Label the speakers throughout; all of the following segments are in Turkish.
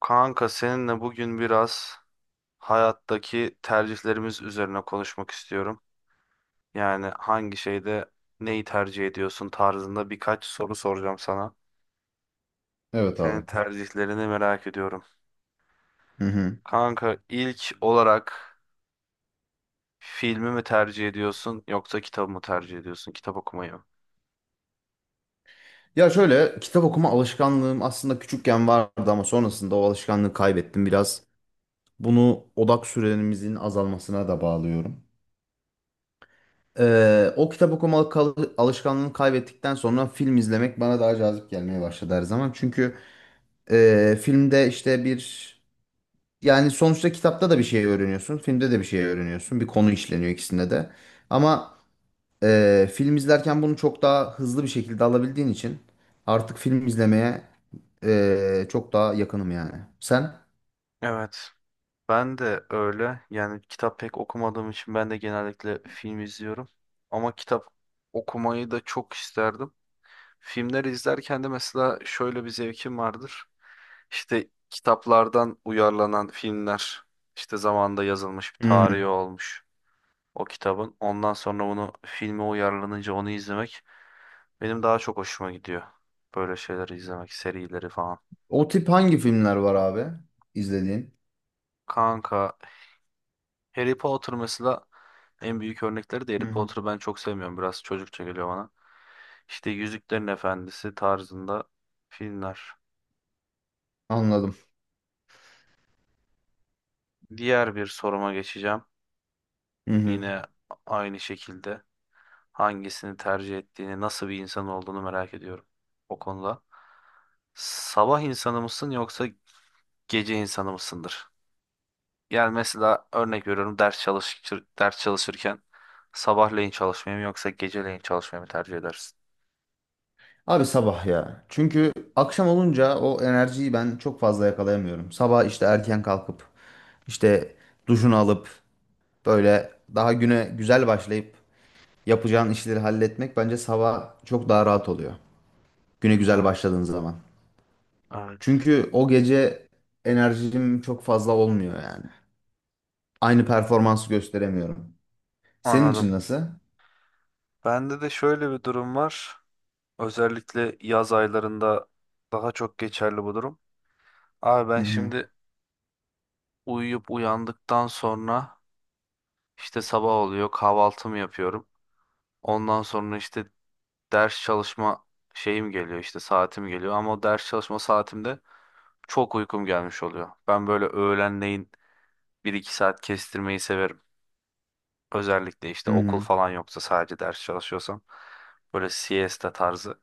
Speaker 1: Kanka seninle bugün biraz hayattaki tercihlerimiz üzerine konuşmak istiyorum. Yani hangi şeyde neyi tercih ediyorsun tarzında birkaç soru soracağım sana.
Speaker 2: Evet
Speaker 1: Senin
Speaker 2: abi.
Speaker 1: tercihlerini merak ediyorum.
Speaker 2: Hı.
Speaker 1: Kanka ilk olarak filmi mi tercih ediyorsun yoksa kitabı mı tercih ediyorsun? Kitap okumayı mı?
Speaker 2: Ya şöyle, kitap okuma alışkanlığım aslında küçükken vardı ama sonrasında o alışkanlığı kaybettim biraz. Bunu odak süremizin azalmasına da bağlıyorum. O kitap okuma alışkanlığını kaybettikten sonra film izlemek bana daha cazip gelmeye başladı her zaman. Çünkü filmde işte bir yani sonuçta kitapta da bir şey öğreniyorsun, filmde de bir şey öğreniyorsun. Bir konu işleniyor ikisinde de. Ama Film izlerken bunu çok daha hızlı bir şekilde alabildiğin için artık film izlemeye çok daha yakınım yani. Sen?
Speaker 1: Evet. Ben de öyle. Yani kitap pek okumadığım için ben de genellikle film izliyorum. Ama kitap okumayı da çok isterdim. Filmleri izlerken de mesela şöyle bir zevkim vardır. İşte kitaplardan uyarlanan filmler, işte zamanında yazılmış bir
Speaker 2: Hı hı.
Speaker 1: tarihi olmuş o kitabın. Ondan sonra onu filme uyarlanınca onu izlemek benim daha çok hoşuma gidiyor. Böyle şeyleri izlemek, serileri falan.
Speaker 2: O tip hangi filmler var abi, izlediğin?
Speaker 1: Kanka, Harry Potter mesela en büyük örnekleri de Harry
Speaker 2: Hı hı.
Speaker 1: Potter'ı ben çok sevmiyorum. Biraz çocukça geliyor bana. İşte Yüzüklerin Efendisi tarzında filmler.
Speaker 2: Anladım.
Speaker 1: Diğer bir soruma geçeceğim.
Speaker 2: Hı hı.
Speaker 1: Yine aynı şekilde hangisini tercih ettiğini, nasıl bir insan olduğunu merak ediyorum o konuda. Sabah insanı mısın yoksa gece insanı mısındır? Yani mesela örnek veriyorum ders çalışır, ders çalışırken sabahleyin çalışmayı mı yoksa geceleyin çalışmayı mı tercih edersin?
Speaker 2: Abi sabah ya. Çünkü akşam olunca o enerjiyi ben çok fazla yakalayamıyorum. Sabah işte erken kalkıp, işte duşunu alıp, böyle daha güne güzel başlayıp yapacağın işleri halletmek bence sabah çok daha rahat oluyor. Güne güzel
Speaker 1: Evet,
Speaker 2: başladığın zaman.
Speaker 1: evet.
Speaker 2: Çünkü o gece enerjim çok fazla olmuyor yani. Aynı performansı gösteremiyorum. Senin için
Speaker 1: Anladım.
Speaker 2: nasıl?
Speaker 1: Bende de şöyle bir durum var. Özellikle yaz aylarında daha çok geçerli bu durum. Abi
Speaker 2: Hı
Speaker 1: ben
Speaker 2: hı.
Speaker 1: şimdi uyuyup uyandıktan sonra İşte sabah oluyor, kahvaltımı yapıyorum. Ondan sonra işte ders çalışma şeyim geliyor, işte saatim geliyor. Ama o ders çalışma saatimde çok uykum gelmiş oluyor. Ben böyle öğlenleyin bir iki saat kestirmeyi severim. Özellikle işte
Speaker 2: Hı
Speaker 1: okul
Speaker 2: hı.
Speaker 1: falan yoksa sadece ders çalışıyorsam. Böyle siesta tarzı.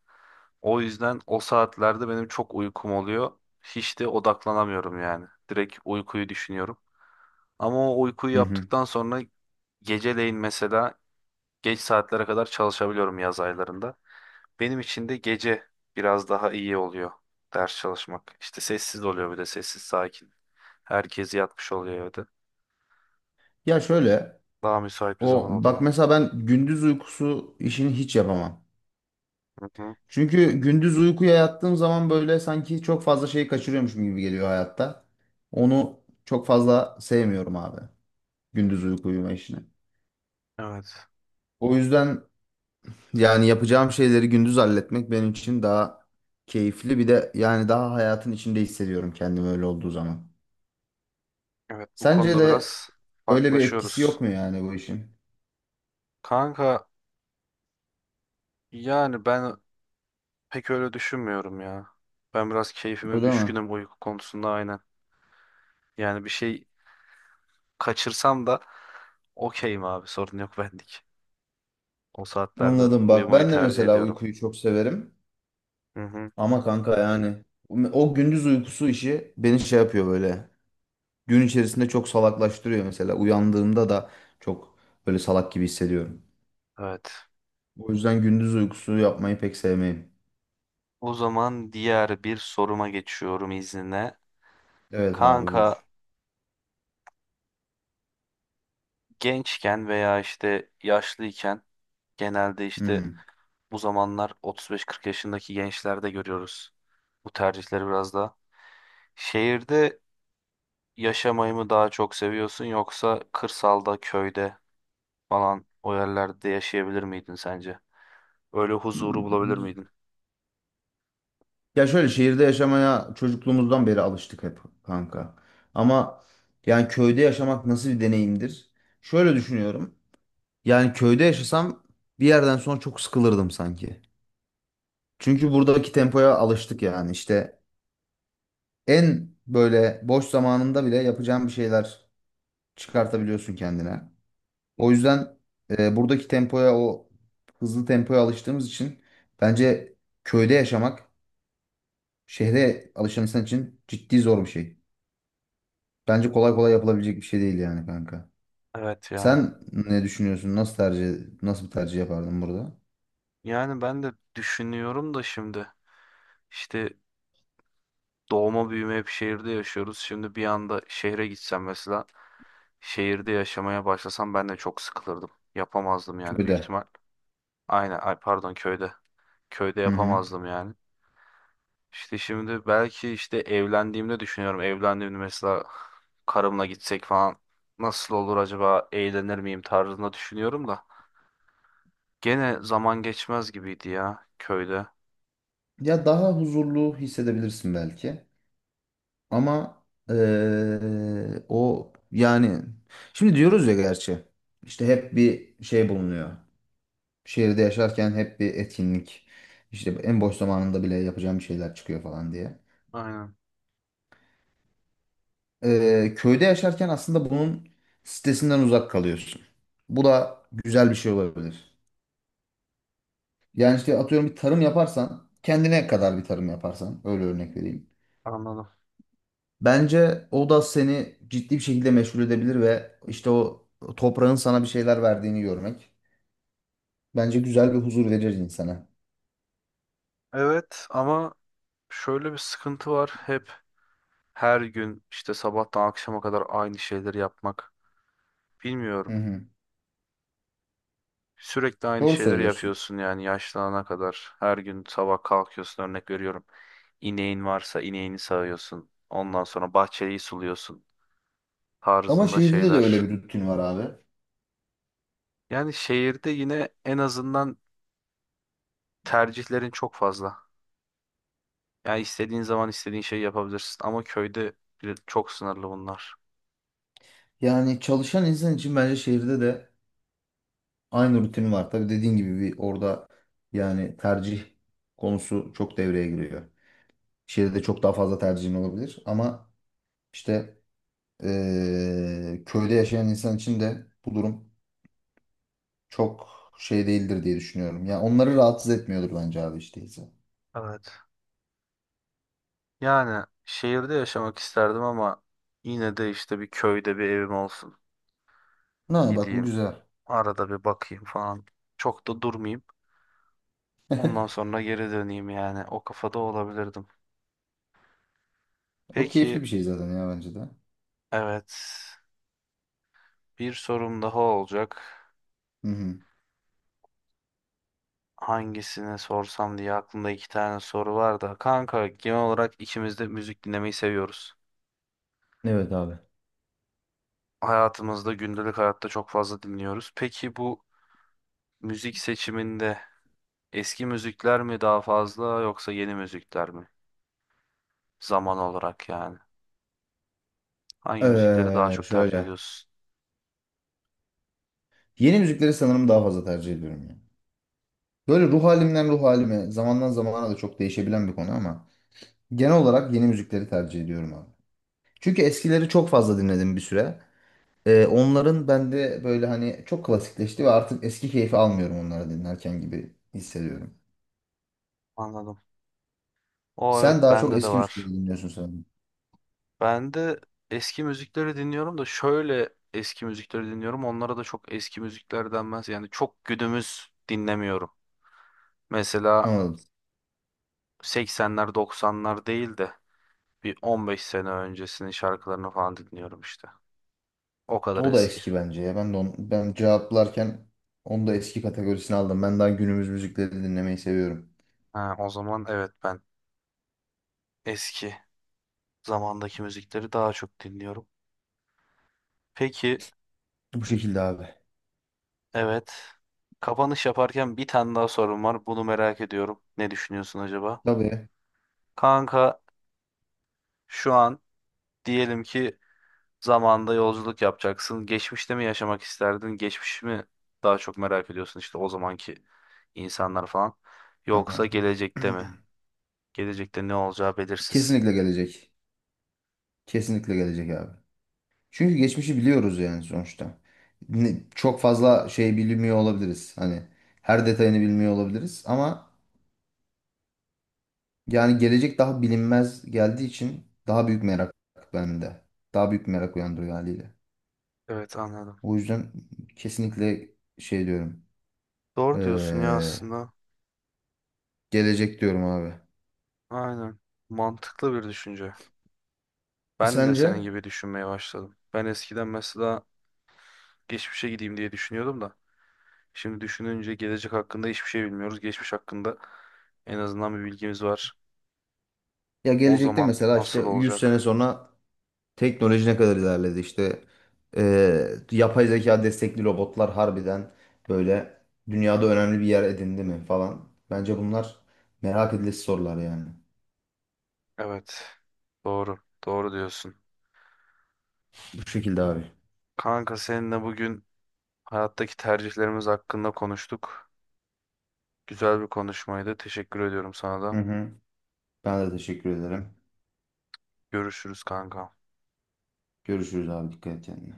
Speaker 1: O yüzden o saatlerde benim çok uykum oluyor. Hiç de odaklanamıyorum yani. Direkt uykuyu düşünüyorum. Ama o uykuyu
Speaker 2: Hı hı.
Speaker 1: yaptıktan sonra geceleyin mesela geç saatlere kadar çalışabiliyorum yaz aylarında. Benim için de gece biraz daha iyi oluyor ders çalışmak. İşte sessiz oluyor bir de sessiz sakin. Herkes yatmış oluyor evde.
Speaker 2: Ya şöyle,
Speaker 1: Daha müsait bir
Speaker 2: o
Speaker 1: zaman
Speaker 2: bak
Speaker 1: oluyor.
Speaker 2: mesela ben gündüz uykusu işini hiç yapamam.
Speaker 1: Hı hı.
Speaker 2: Çünkü gündüz uykuya yattığım zaman böyle sanki çok fazla şeyi kaçırıyormuşum gibi geliyor hayatta. Onu çok fazla sevmiyorum abi. Gündüz uyku uyuma işini.
Speaker 1: Evet.
Speaker 2: O yüzden yani yapacağım şeyleri gündüz halletmek benim için daha keyifli. Bir de yani daha hayatın içinde hissediyorum kendimi öyle olduğu zaman.
Speaker 1: Evet bu
Speaker 2: Sence
Speaker 1: konuda
Speaker 2: de
Speaker 1: biraz
Speaker 2: öyle bir etkisi yok
Speaker 1: farklılaşıyoruz.
Speaker 2: mu yani bu işin?
Speaker 1: Kanka yani ben pek öyle düşünmüyorum ya. Ben biraz keyfime
Speaker 2: Öyle mi?
Speaker 1: düşkünüm uyku konusunda aynen. Yani bir şey kaçırsam da okeyim abi sorun yok bendik. O saatlerde
Speaker 2: Anladım, bak
Speaker 1: uyumayı
Speaker 2: ben de
Speaker 1: tercih
Speaker 2: mesela
Speaker 1: ediyorum.
Speaker 2: uykuyu çok severim.
Speaker 1: Hı hı.
Speaker 2: Ama kanka yani o gündüz uykusu işi beni şey yapıyor böyle. Gün içerisinde çok salaklaştırıyor mesela. Uyandığımda da çok böyle salak gibi hissediyorum.
Speaker 1: Evet.
Speaker 2: O yüzden gündüz uykusu yapmayı pek sevmeyim.
Speaker 1: O zaman diğer bir soruma geçiyorum izninle.
Speaker 2: Evet abi,
Speaker 1: Kanka
Speaker 2: buyur.
Speaker 1: gençken veya işte yaşlıyken genelde
Speaker 2: Hı
Speaker 1: işte
Speaker 2: hı.
Speaker 1: bu zamanlar 35-40 yaşındaki gençlerde görüyoruz. Bu tercihleri biraz da. Şehirde yaşamayı mı daha çok seviyorsun yoksa kırsalda, köyde falan o yerlerde yaşayabilir miydin sence? Öyle huzuru bulabilir miydin?
Speaker 2: Ya şöyle, şehirde yaşamaya çocukluğumuzdan beri alıştık hep kanka. Ama yani köyde yaşamak nasıl bir deneyimdir? Şöyle düşünüyorum. Yani köyde yaşasam bir yerden sonra çok sıkılırdım sanki. Çünkü buradaki tempoya alıştık yani. İşte en böyle boş zamanında bile yapacağın bir şeyler çıkartabiliyorsun kendine. O yüzden buradaki tempoya o hızlı tempoya alıştığımız için bence köyde yaşamak şehre alışan insan için ciddi zor bir şey. Bence kolay kolay yapılabilecek bir şey değil yani kanka.
Speaker 1: Evet ya.
Speaker 2: Sen ne düşünüyorsun? Nasıl bir tercih yapardın burada?
Speaker 1: Yani ben de düşünüyorum da şimdi işte doğma büyüme hep şehirde yaşıyoruz. Şimdi bir anda şehre gitsem mesela şehirde yaşamaya başlasam ben de çok sıkılırdım. Yapamazdım yani büyük
Speaker 2: Köyde.
Speaker 1: ihtimal. Aynen ay pardon köyde. Köyde
Speaker 2: Hı hı.
Speaker 1: yapamazdım yani. İşte şimdi belki işte evlendiğimde düşünüyorum. Evlendiğimde mesela karımla gitsek falan nasıl olur acaba eğlenir miyim tarzında düşünüyorum da. Gene zaman geçmez gibiydi ya köyde.
Speaker 2: Ya daha huzurlu hissedebilirsin belki. Ama o yani şimdi diyoruz ya, gerçi işte hep bir şey bulunuyor. Şehirde yaşarken hep bir etkinlik, işte en boş zamanında bile yapacağım şeyler çıkıyor falan diye.
Speaker 1: Aynen
Speaker 2: Köyde yaşarken aslında bunun stresinden uzak kalıyorsun. Bu da güzel bir şey olabilir. Yani işte atıyorum bir tarım yaparsan, kendine kadar bir tarım yaparsan, öyle örnek vereyim.
Speaker 1: anladım.
Speaker 2: Bence o da seni ciddi bir şekilde meşgul edebilir ve işte o toprağın sana bir şeyler verdiğini görmek bence güzel bir huzur verir insana.
Speaker 1: Evet ama şöyle bir sıkıntı var. Hep her gün işte sabahtan akşama kadar aynı şeyleri yapmak.
Speaker 2: Hı
Speaker 1: Bilmiyorum.
Speaker 2: hı.
Speaker 1: Sürekli aynı
Speaker 2: Doğru
Speaker 1: şeyleri
Speaker 2: söylüyorsun.
Speaker 1: yapıyorsun yani yaşlanana kadar. Her gün sabah kalkıyorsun örnek veriyorum. İneğin varsa ineğini sağıyorsun. Ondan sonra bahçeyi suluyorsun
Speaker 2: Ama
Speaker 1: tarzında
Speaker 2: şehirde de
Speaker 1: şeyler.
Speaker 2: öyle bir rutin var abi.
Speaker 1: Yani şehirde yine en azından tercihlerin çok fazla. Yani istediğin zaman istediğin şeyi yapabilirsin ama köyde çok sınırlı bunlar.
Speaker 2: Yani çalışan insan için bence şehirde de aynı rutin var. Tabii dediğin gibi bir orada yani tercih konusu çok devreye giriyor. Şehirde çok daha fazla tercihin olabilir ama işte köyde yaşayan insan için de bu durum çok şey değildir diye düşünüyorum. Yani onları rahatsız etmiyordur bence abi işte değilse.
Speaker 1: Evet. Yani şehirde yaşamak isterdim ama yine de işte bir köyde bir evim olsun.
Speaker 2: Ha, bak bu
Speaker 1: Gideyim.
Speaker 2: güzel.
Speaker 1: Arada bir bakayım falan. Çok da durmayayım. Ondan sonra geri döneyim yani. O kafada olabilirdim.
Speaker 2: O
Speaker 1: Peki
Speaker 2: keyifli bir şey zaten ya, bence de.
Speaker 1: evet. Bir sorum daha olacak.
Speaker 2: Hı hı.
Speaker 1: Hangisini sorsam diye aklımda iki tane soru var da. Kanka genel olarak ikimiz de müzik dinlemeyi seviyoruz.
Speaker 2: Evet abi.
Speaker 1: Hayatımızda gündelik hayatta çok fazla dinliyoruz. Peki bu müzik seçiminde eski müzikler mi daha fazla yoksa yeni müzikler mi? Zaman olarak yani. Hangi müzikleri daha çok tercih
Speaker 2: Şöyle.
Speaker 1: ediyorsun?
Speaker 2: Yeni müzikleri sanırım daha fazla tercih ediyorum ya. Böyle ruh halimden ruh halime, zamandan zamana da çok değişebilen bir konu ama genel olarak yeni müzikleri tercih ediyorum abi. Çünkü eskileri çok fazla dinledim bir süre. Onların bende böyle hani çok klasikleşti ve artık eski keyfi almıyorum onları dinlerken gibi hissediyorum.
Speaker 1: Anladım. O evet
Speaker 2: Sen daha çok
Speaker 1: bende de
Speaker 2: eski müzikleri
Speaker 1: var.
Speaker 2: dinliyorsun sanırım.
Speaker 1: Ben de eski müzikleri dinliyorum da şöyle eski müzikleri dinliyorum. Onlara da çok eski müzikler denmez. Yani çok günümüz dinlemiyorum. Mesela
Speaker 2: Anladım.
Speaker 1: 80'ler 90'lar değil de bir 15 sene öncesinin şarkılarını falan dinliyorum işte. O kadar
Speaker 2: O da
Speaker 1: eski.
Speaker 2: eski bence ya. Ben cevaplarken onu da eski kategorisine aldım. Ben daha günümüz müzikleri dinlemeyi seviyorum.
Speaker 1: Ha, o zaman evet ben eski zamandaki müzikleri daha çok dinliyorum. Peki,
Speaker 2: Bu şekilde abi.
Speaker 1: evet. Kapanış yaparken bir tane daha sorum var. Bunu merak ediyorum. Ne düşünüyorsun acaba?
Speaker 2: Tabii.
Speaker 1: Kanka, şu an diyelim ki zamanda yolculuk yapacaksın. Geçmişte mi yaşamak isterdin? Geçmiş mi daha çok merak ediyorsun işte o zamanki insanlar falan. Yoksa
Speaker 2: Hı.
Speaker 1: gelecekte mi? Gelecekte ne olacağı belirsiz.
Speaker 2: Kesinlikle gelecek. Kesinlikle gelecek abi. Çünkü geçmişi biliyoruz yani sonuçta. Çok fazla şey bilmiyor olabiliriz. Hani her detayını bilmiyor olabiliriz ama yani gelecek daha bilinmez geldiği için daha büyük merak bende. Daha büyük merak uyandırıyor haliyle.
Speaker 1: Evet anladım.
Speaker 2: O yüzden kesinlikle şey diyorum.
Speaker 1: Doğru diyorsun ya
Speaker 2: eee,
Speaker 1: aslında.
Speaker 2: Gelecek diyorum abi.
Speaker 1: Aynen. Mantıklı bir düşünce. Ben de
Speaker 2: Sence?
Speaker 1: senin gibi düşünmeye başladım. Ben eskiden mesela geçmişe gideyim diye düşünüyordum da. Şimdi düşününce gelecek hakkında hiçbir şey bilmiyoruz. Geçmiş hakkında en azından bir bilgimiz var.
Speaker 2: Ya
Speaker 1: O
Speaker 2: gelecekte
Speaker 1: zaman
Speaker 2: mesela işte
Speaker 1: nasıl
Speaker 2: 100 sene
Speaker 1: olacak?
Speaker 2: sonra teknoloji ne kadar ilerledi? İşte yapay zeka destekli robotlar harbiden böyle dünyada önemli bir yer edindi mi falan. Bence bunlar merak edilesi sorular yani.
Speaker 1: Evet. Doğru. Doğru diyorsun.
Speaker 2: Bu şekilde abi.
Speaker 1: Kanka seninle bugün hayattaki tercihlerimiz hakkında konuştuk. Güzel bir konuşmaydı. Teşekkür ediyorum sana da.
Speaker 2: Hı hı. Ben de teşekkür ederim.
Speaker 1: Görüşürüz kanka.
Speaker 2: Görüşürüz abi, dikkat et kendine.